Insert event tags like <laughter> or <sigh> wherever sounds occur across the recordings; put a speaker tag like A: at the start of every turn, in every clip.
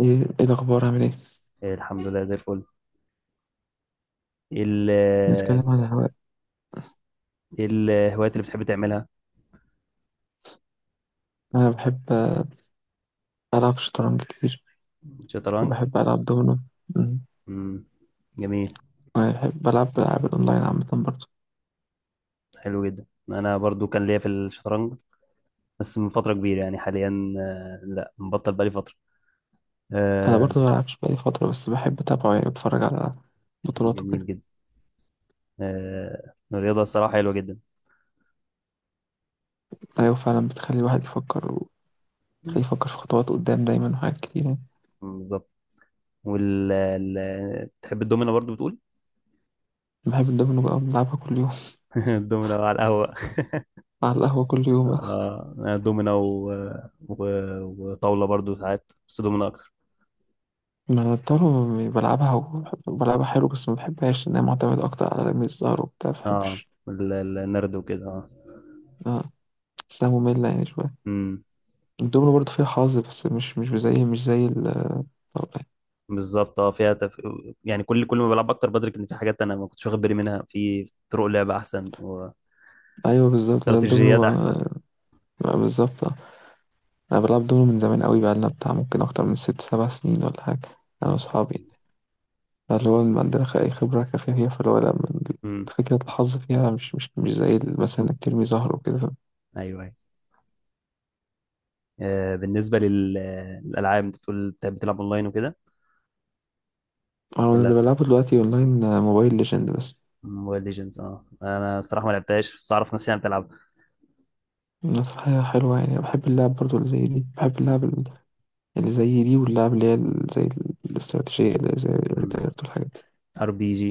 A: ايه. إيه الاخبار، عامل ايه؟
B: إيه، الحمد لله زي الفل. إيه ال
A: نتكلم عن الهواء.
B: إيه الهوايات اللي بتحب تعملها؟
A: انا بحب العب شطرنج كتير،
B: شطرنج.
A: وبحب العب دومينو. أمم.
B: مم. جميل.
A: وانا بحب العب العاب الاونلاين عامه برضه.
B: حلو جدا، انا برضو كان ليا في الشطرنج، بس من فترة كبيرة يعني. حاليا لا، مبطل بقالي فترة.
A: انا
B: آه،
A: برضه ما بلعبش بقالي فتره، بس بحب اتابعه، يعني بتفرج على بطولاته
B: جميل
A: كده.
B: جدا. الرياضة الصراحة حلوة جدا.
A: ايوه فعلا، بتخلي الواحد يفكر،
B: مم،
A: وتخليه يفكر في خطوات قدام دايما وحاجات كتير يعني.
B: بالظبط. تحب الدومينة برضو بتقول؟
A: بحب الدومينو بقى، بلعبها كل يوم.
B: <laughs> الدومينة على القهوة.
A: <laughs> على القهوه كل يوم بقى.
B: أنا دومينة و... وطاولة برضو ساعات، بس دومينة أكتر.
A: ما انا الطاوله بلعبها، بلعبها حلو، بس ما بحبهاش لانها معتمده اكتر على رمي الزهر وبتاع، ما
B: اه،
A: بحبش.
B: النرد وكده، اه.
A: آه، بحسها ممله يعني شويه.
B: امم
A: الدومينو برضه فيها حظ، بس مش زي ال- طبعاً.
B: بالظبط. اه، يعني كل ما بلعب اكتر بدرك ان في حاجات انا ما كنتش واخد بالي منها، في طرق لعب احسن
A: ايوه بالظبط ده الدومينو،
B: واستراتيجيات احسن.
A: آه. آه، بالظبط، آه. انا بلعب دومينو من زمان قوي بقى، لنا بتاع ممكن اكتر من 6 7 سنين ولا حاجه، انا
B: ان شاء
A: واصحابي.
B: الله.
A: اللي هو ما عندنا اي خبره كافيه فيها، فاللي هو لا من-
B: امم.
A: فكره الحظ فيها مش زي ال-، مثلا انك ترمي زهر وكده، فاهم؟
B: ايوه ايوه. بالنسبه للالعاب، انت بتقول بتلعب اونلاين وكده
A: انا
B: ولا؟
A: اللي بلعبه دلوقتي اونلاين موبايل ليجند بس.
B: موبايل ليجندز، اه. انا صراحه ما لعبتهاش، بس اعرف ناس يعني بتلعبها.
A: نصيحة حلوة يعني. أنا بحب اللعب برضو اللي زي دي، بحب اللعب ال- اللي زي دي، واللعب اللي هي ال- زي ال- الاستراتيجية اللي زي الريتيرت والحاجات.
B: ار بي جي.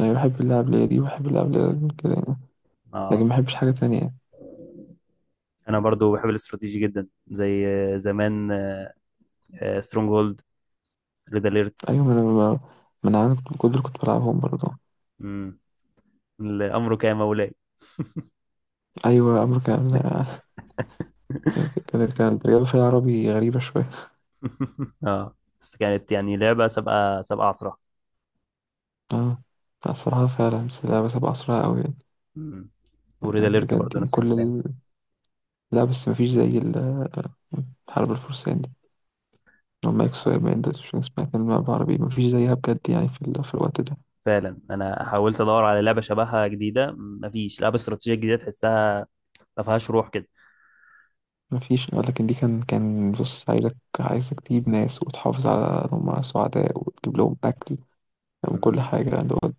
A: أنا بحب اللعب اللي هي دي، بحب اللعب اللي هي كده يعني. لكن ما
B: اه.
A: بحبش حاجة تانية يعني.
B: انا برضو بحب الاستراتيجي جدا، زي زمان سترونج هولد، ريد اليرت.
A: أيوة ما أنا عندي كنت دول كنت بلعبهم برضه.
B: امم. الامر كان مولاي.
A: أيوة أمريكا، لا. <laughs> يعني كانت الرياضة فيها عربي غريبة شوية.
B: <laughs> اه. بس كانت يعني لعبة سابقة سابقة عصرها.
A: اه. لا، الصراحة فعلا، بس اللعبة سابقة أسرع أوي يعني.
B: مم. وريد اليرت
A: بجد
B: برضه
A: يعني،
B: نفس
A: كل
B: الكلام.
A: ال... لا بس مفيش زي ال- الحرب الفرسان دي، لما يكسروا يبقى ده، مش اسمها كلمة بعربي، مفيش زيها بجد يعني، في, ال... في الوقت ده.
B: فعلا، انا حاولت ادور على لعبة شبهها جديدة، مفيش لعبة استراتيجية جديدة تحسها ما فيهاش روح كده.
A: مفيش. لكن دي كان بص، عايزك تجيب ناس وتحافظ على إن هم سعداء وتجيب لهم أكل، فاهم، كل
B: مم.
A: حاجة اللي هو،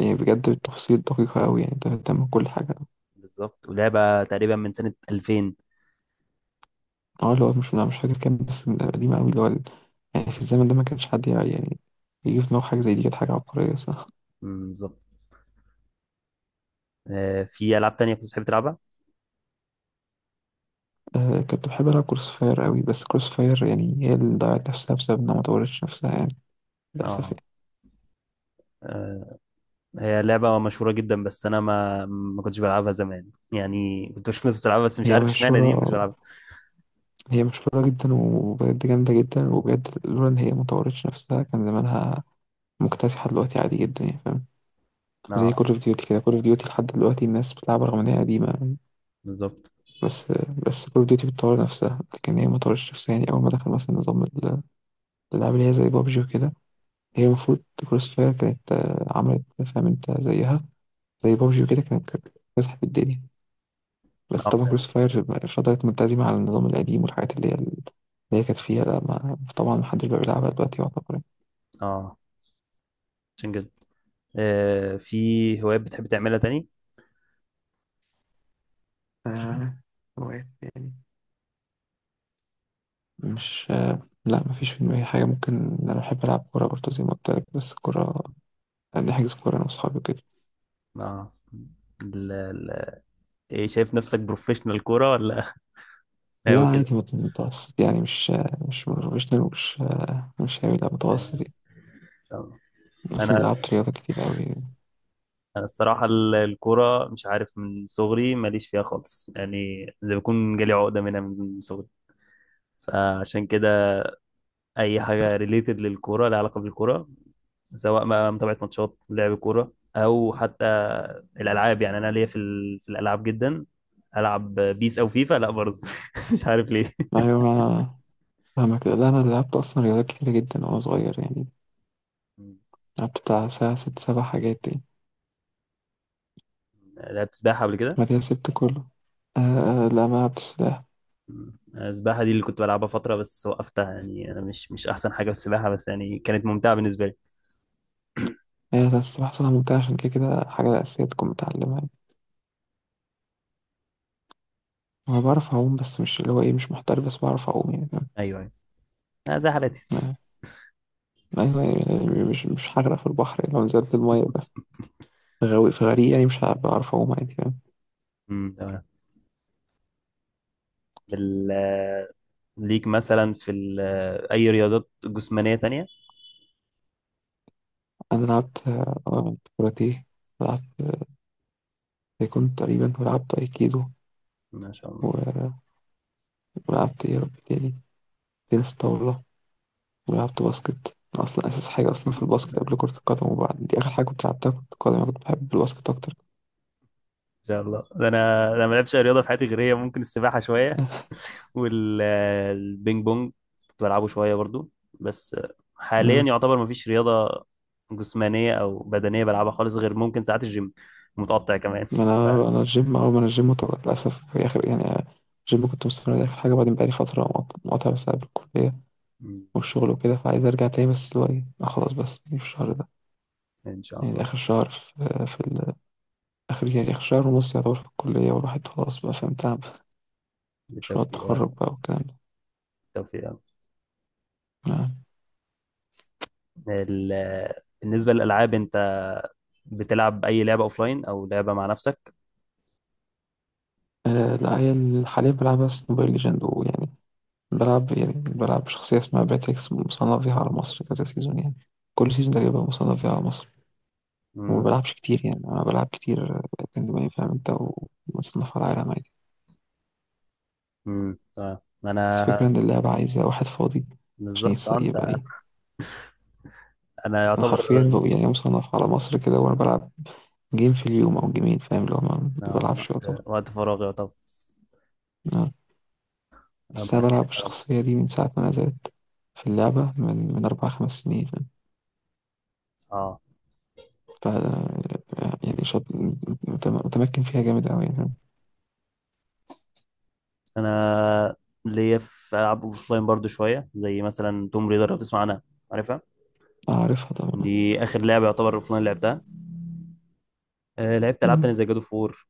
A: يعني بجد بالتفاصيل دقيقة أوي يعني، أنت بتهتم بكل حاجة.
B: بالظبط. ولعبة تقريبا من سنة 2000.
A: اه اللي هو، مش أنا مش فاكر كام، بس قديمة أوي اللي هو ال-. يعني في الزمن ده ما كانش حد يعني يجي في دماغه حاجة زي دي، كانت حاجة عبقرية، صح.
B: مم. بالظبط. في العاب تانية كنت بتحب تلعبها؟
A: <laughs> آه، كنت بحب ألعب كروس فاير أوي، بس كروس فاير يعني هي اللي ضيعت نفسها بسبب إنها ما طورتش نفسها يعني، للأسف
B: اه.
A: يعني.
B: آه، هي لعبة مشهورة جدا، بس أنا ما ما كنتش بلعبها زمان يعني، كنت بشوف ناس بتلعبها بس مش
A: هي
B: عارف اشمعنى دي ما كنتش
A: مشهورة،
B: بلعبها.
A: هي مشهورة جدا، وبجد جامدة جدا، وبجد لولا إن هي ما طورتش نفسها كان زمانها مكتسحة دلوقتي عادي جدا يعني، فاهم. زي
B: اه.
A: كول اوف ديوتي كده، كول اوف ديوتي لحد دلوقتي الناس بتلعبها رغم ان هي قديمة.
B: بالظبط.
A: بس بس كول اوف ديوتي بتطور نفسها، لكن هي ما طورتش نفسها يعني. اول ما دخل مثلا نظام ال- الالعاب اللي هي زي بابجي وكده، هي المفروض كروس فاير كانت عملت، فاهم انت، زيها زي بابجي وكده، كانت مسحت الدنيا. بس
B: اه
A: طبعا
B: فعلا.
A: كروس فاير فضلت ملتزمة على النظام القديم والحاجات اللي هي اللي هي كانت فيها، لا ما طبعا محدش بقى بيلعبها دلوقتي يعتبر.
B: اه. عشان كده. في هوايات بتحب تعملها تاني؟
A: آه، هوايات يعني، مش لا مفيش في دماغي حاجة. ممكن أنا بحب ألعب كورة برضه زي ما قلت لك، بس الكورة بنحجز كورة أنا وأصحابي وكده.
B: اه، ال- ال- ايه، شايف نفسك بروفيشنال كورة، ولا <laughs> هاوي
A: لا
B: كده؟
A: عادي، متوسط يعني، مش بروفيشنال، مش هاوي، لا متوسط يعني.
B: آه.
A: أصلا
B: انا
A: لعبت رياضة كتير أوي يعني.
B: انا الصراحة الكورة مش عارف، من صغري ماليش فيها خالص يعني، زي بكون جالي عقدة منها من صغري، فعشان كده اي حاجة ريليتد للكورة، لها علاقة بالكورة، سواء ما متابعة ماتشات لعب كورة او حتى الالعاب يعني، انا ليا في الالعاب جدا. العب بيس او فيفا، لا برضه. <laughs> مش عارف ليه.
A: أيوة ما أنا، فاهمك. لا أنا لعبت أصلا رياضات كتير جدا وأنا صغير يعني،
B: <laughs>
A: لعبت بتاع ساعة ست سبع حاجات يعني،
B: لعبت سباحة قبل كده.
A: بعدها سبت كله. آه. لا ما لعبتش سباحة.
B: السباحة دي اللي كنت بلعبها فترة بس وقفتها، يعني أنا مش أحسن حاجة في السباحة، بس يعني كانت ممتعة بالنسبة لي.
A: هي بس السباحة صراحة ممتعة، عشان كده كده حاجة أساسية تكون متعلمها يعني. أنا بعرف أعوم، بس مش اللي هو إيه، مش محترف، بس بعرف أعوم يعني، فاهم؟
B: أيوه أيوه. زي حالاتي.
A: آه. أيوة يعني، مش هغرق في البحر يعني، لو نزلت المية بقى. في غوي، في غريق، يعني مش هبقى أعرف أعوم عادي، فاهم.
B: أمم، تمام. بال آه، ليك مثلا في ال... آه، أي رياضات جسمانية تانية؟
A: أنا لعبت كاراتيه، لعبت تايكوندو تقريبا، ولعبت أيكيدو،
B: ما شاء الله.
A: و- ولعبت إيه يا رب تاني، تنس طاولة، ولعبت باسكت. أنا أصلا أساس حاجة أصلا في
B: <laughs>
A: الباسكت قبل كرة القدم، وبعد دي آخر حاجة كنت لعبتها كرة القدم. أنا كنت بحب الباسكت أكتر.
B: إن شاء الله. ده أنا ما لعبتش أي رياضة في حياتي غير هي، ممكن السباحة شوية
A: آه،
B: والبينج بونج كنت بلعبه شوية برضو. بس حاليا يعتبر ما فيش رياضة جسمانية أو بدنية بلعبها خالص، غير ممكن ساعات الجيم، متقطع كمان.
A: أنا
B: <laughs>
A: الجيم، أول ما أنا الجيم طلعت للأسف في آخر يعني، الجيم كنت مستمر عليه آخر حاجة، بعدين بقالي فترة مقاطع بسبب الكلية
B: ف...
A: والشغل وكده، فعايز أرجع تاني، بس اللي هو إيه، خلاص، بس دي في الشهر ده
B: ان شاء
A: يعني. ده
B: الله.
A: آخر شهر في, في آخر يعني، آخر شهر ونص يعتبر في الكلية، والواحد خلاص بقى، فاهم، تعب، مشروع
B: بالتوفيق يا رب.
A: التخرج بقى والكلام ده.
B: بالتوفيق يا رب.
A: نعم.
B: ال... بالنسبه للالعاب، انت بتلعب اي لعبه اوفلاين او لعبه مع نفسك؟
A: لا، هي ال- حاليا بلعب بس موبايل ليجند، ويعني بلعب، يعني بلعب بشخصية اسمها باتريكس، مصنف فيها على مصر كذا سيزون يعني، كل سيزون تقريبا مصنف فيها على مصر. وما
B: امم.
A: بلعبش كتير يعني، أنا بلعب كتير كان دماغي، فاهم أنت، ومصنف على العالم عادي.
B: امم. اه،
A: بس الفكرة إن اللعبة عايزة واحد فاضي، عشان
B: بالظبط. انت
A: يبقى إيه.
B: انا
A: أنا
B: يعتبر.
A: حرفيا بقى يعني مصنف على مصر كده، وأنا بلعب جيم في اليوم أو جيمين، فاهم. لو ما
B: آه،
A: بلعبش
B: وقت
A: يعتبر.
B: وقت فراغي يعتبر.
A: نعم. بس
B: ربنا
A: أنا
B: يعينك
A: بلعب
B: يا رب.
A: الشخصية دي من ساعة ما نزلت في اللعبة، من 4 5 سنين، فاهم.
B: اه،
A: ف يعني شاط، متمكن فيها جامد أوي يعني، فاهم.
B: انا ليا في العاب اوفلاين برضو شويه، زي مثلا توم ريدر، لو تسمع عنها. عارفها.
A: عارفها طبعا.
B: دي اخر لعبه يعتبر اوفلاين لعبتها. لعبت العاب تانية
A: مم.
B: زي جادو فور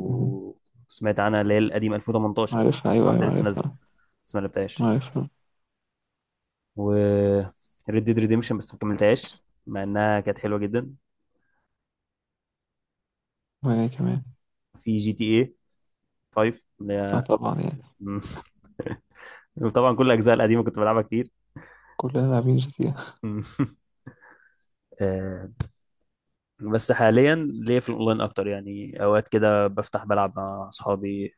A: مم.
B: سمعت عنها، اللي هي القديمه 2018.
A: عارفها،
B: في
A: أيوه
B: واحده
A: أيوه
B: لسه نازله
A: عارفها.
B: بس ما لعبتهاش.
A: عارفها.
B: و ريد ديد ريديمشن بس ما كملتهاش مع انها كانت حلوه جدا.
A: وهي كمان.
B: في جي تي اي 5 اللي
A: اه
B: هي.
A: طبعا يعني.
B: <laughs> وطبعا كل الاجزاء القديمه كنت بلعبها كتير.
A: كلنا لاعبين GT. <laughs>
B: <laughs> آه، بس حاليا ليا في الاونلاين اكتر يعني، اوقات كده بفتح بلعب مع اصحابي،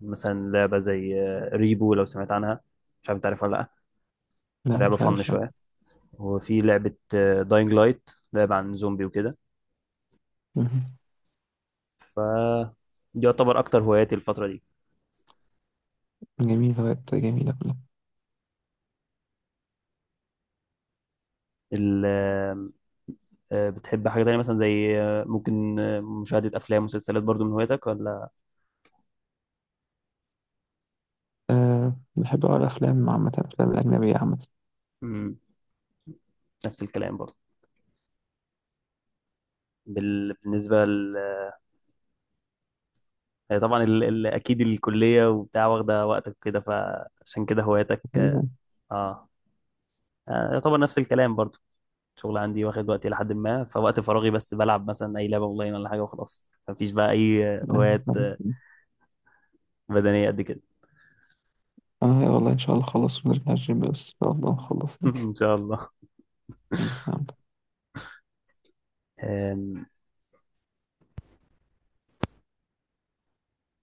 B: مثلا لعبه زي ريبو لو سمعت عنها، مش عارف انت عارفها ولا.
A: لا
B: لا، لعبه
A: مش
B: فن
A: عارف أنا.
B: شويه. وفي لعبه داينج لايت، لعبه عن زومبي وكده.
A: مم.
B: ف دي يعتبر اكتر هواياتي الفتره دي.
A: جميلة، بقت جميلة كلها.
B: ال... آه، بتحب حاجه تانية مثلا زي ممكن مشاهده افلام ومسلسلات، برضو من هواياتك ولا؟
A: أه، بحب أقرأ أفلام، عامة الأفلام الأجنبية عامة.
B: مم. نفس الكلام برضو. بال... بالنسبه ل... هي طبعا اكيد الكليه وبتاع واخده وقتك كده، فعشان كده هواياتك.
A: جميلة.
B: اه. يعتبر نفس الكلام برضو. شغل عندي واخد وقتي لحد ما، فوقت فراغي بس بلعب مثلا اي لعبه اونلاين ولا حاجه، وخلاص مفيش بقى اي هوايات
A: أيوة.
B: بدنيه قد كده.
A: أنا والله إن شاء الله خلص ونرجع الجيم، بس إن شاء الله نخلص
B: <laughs>
A: يعني.
B: ان شاء الله.
A: مم.
B: آم،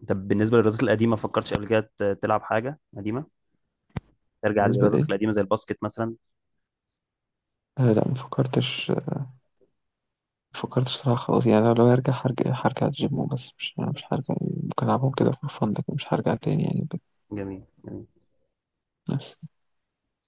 B: طب بالنسبة للرياضات القديمة، فكرتش قبل كده تلعب حاجة قديمة، ترجع
A: بالنسبة
B: للرياضات
A: لإيه؟
B: القديمة زي الباسكت مثلا؟
A: لا ما فكرتش، ما فكرتش صراحة، خلاص يعني. لو هرجع، هرجع الجيم وبس، مش هرجع. ممكن ألعبهم كده في فن، لكن مش هرجع تاني يعني.
B: جميل جميل
A: بس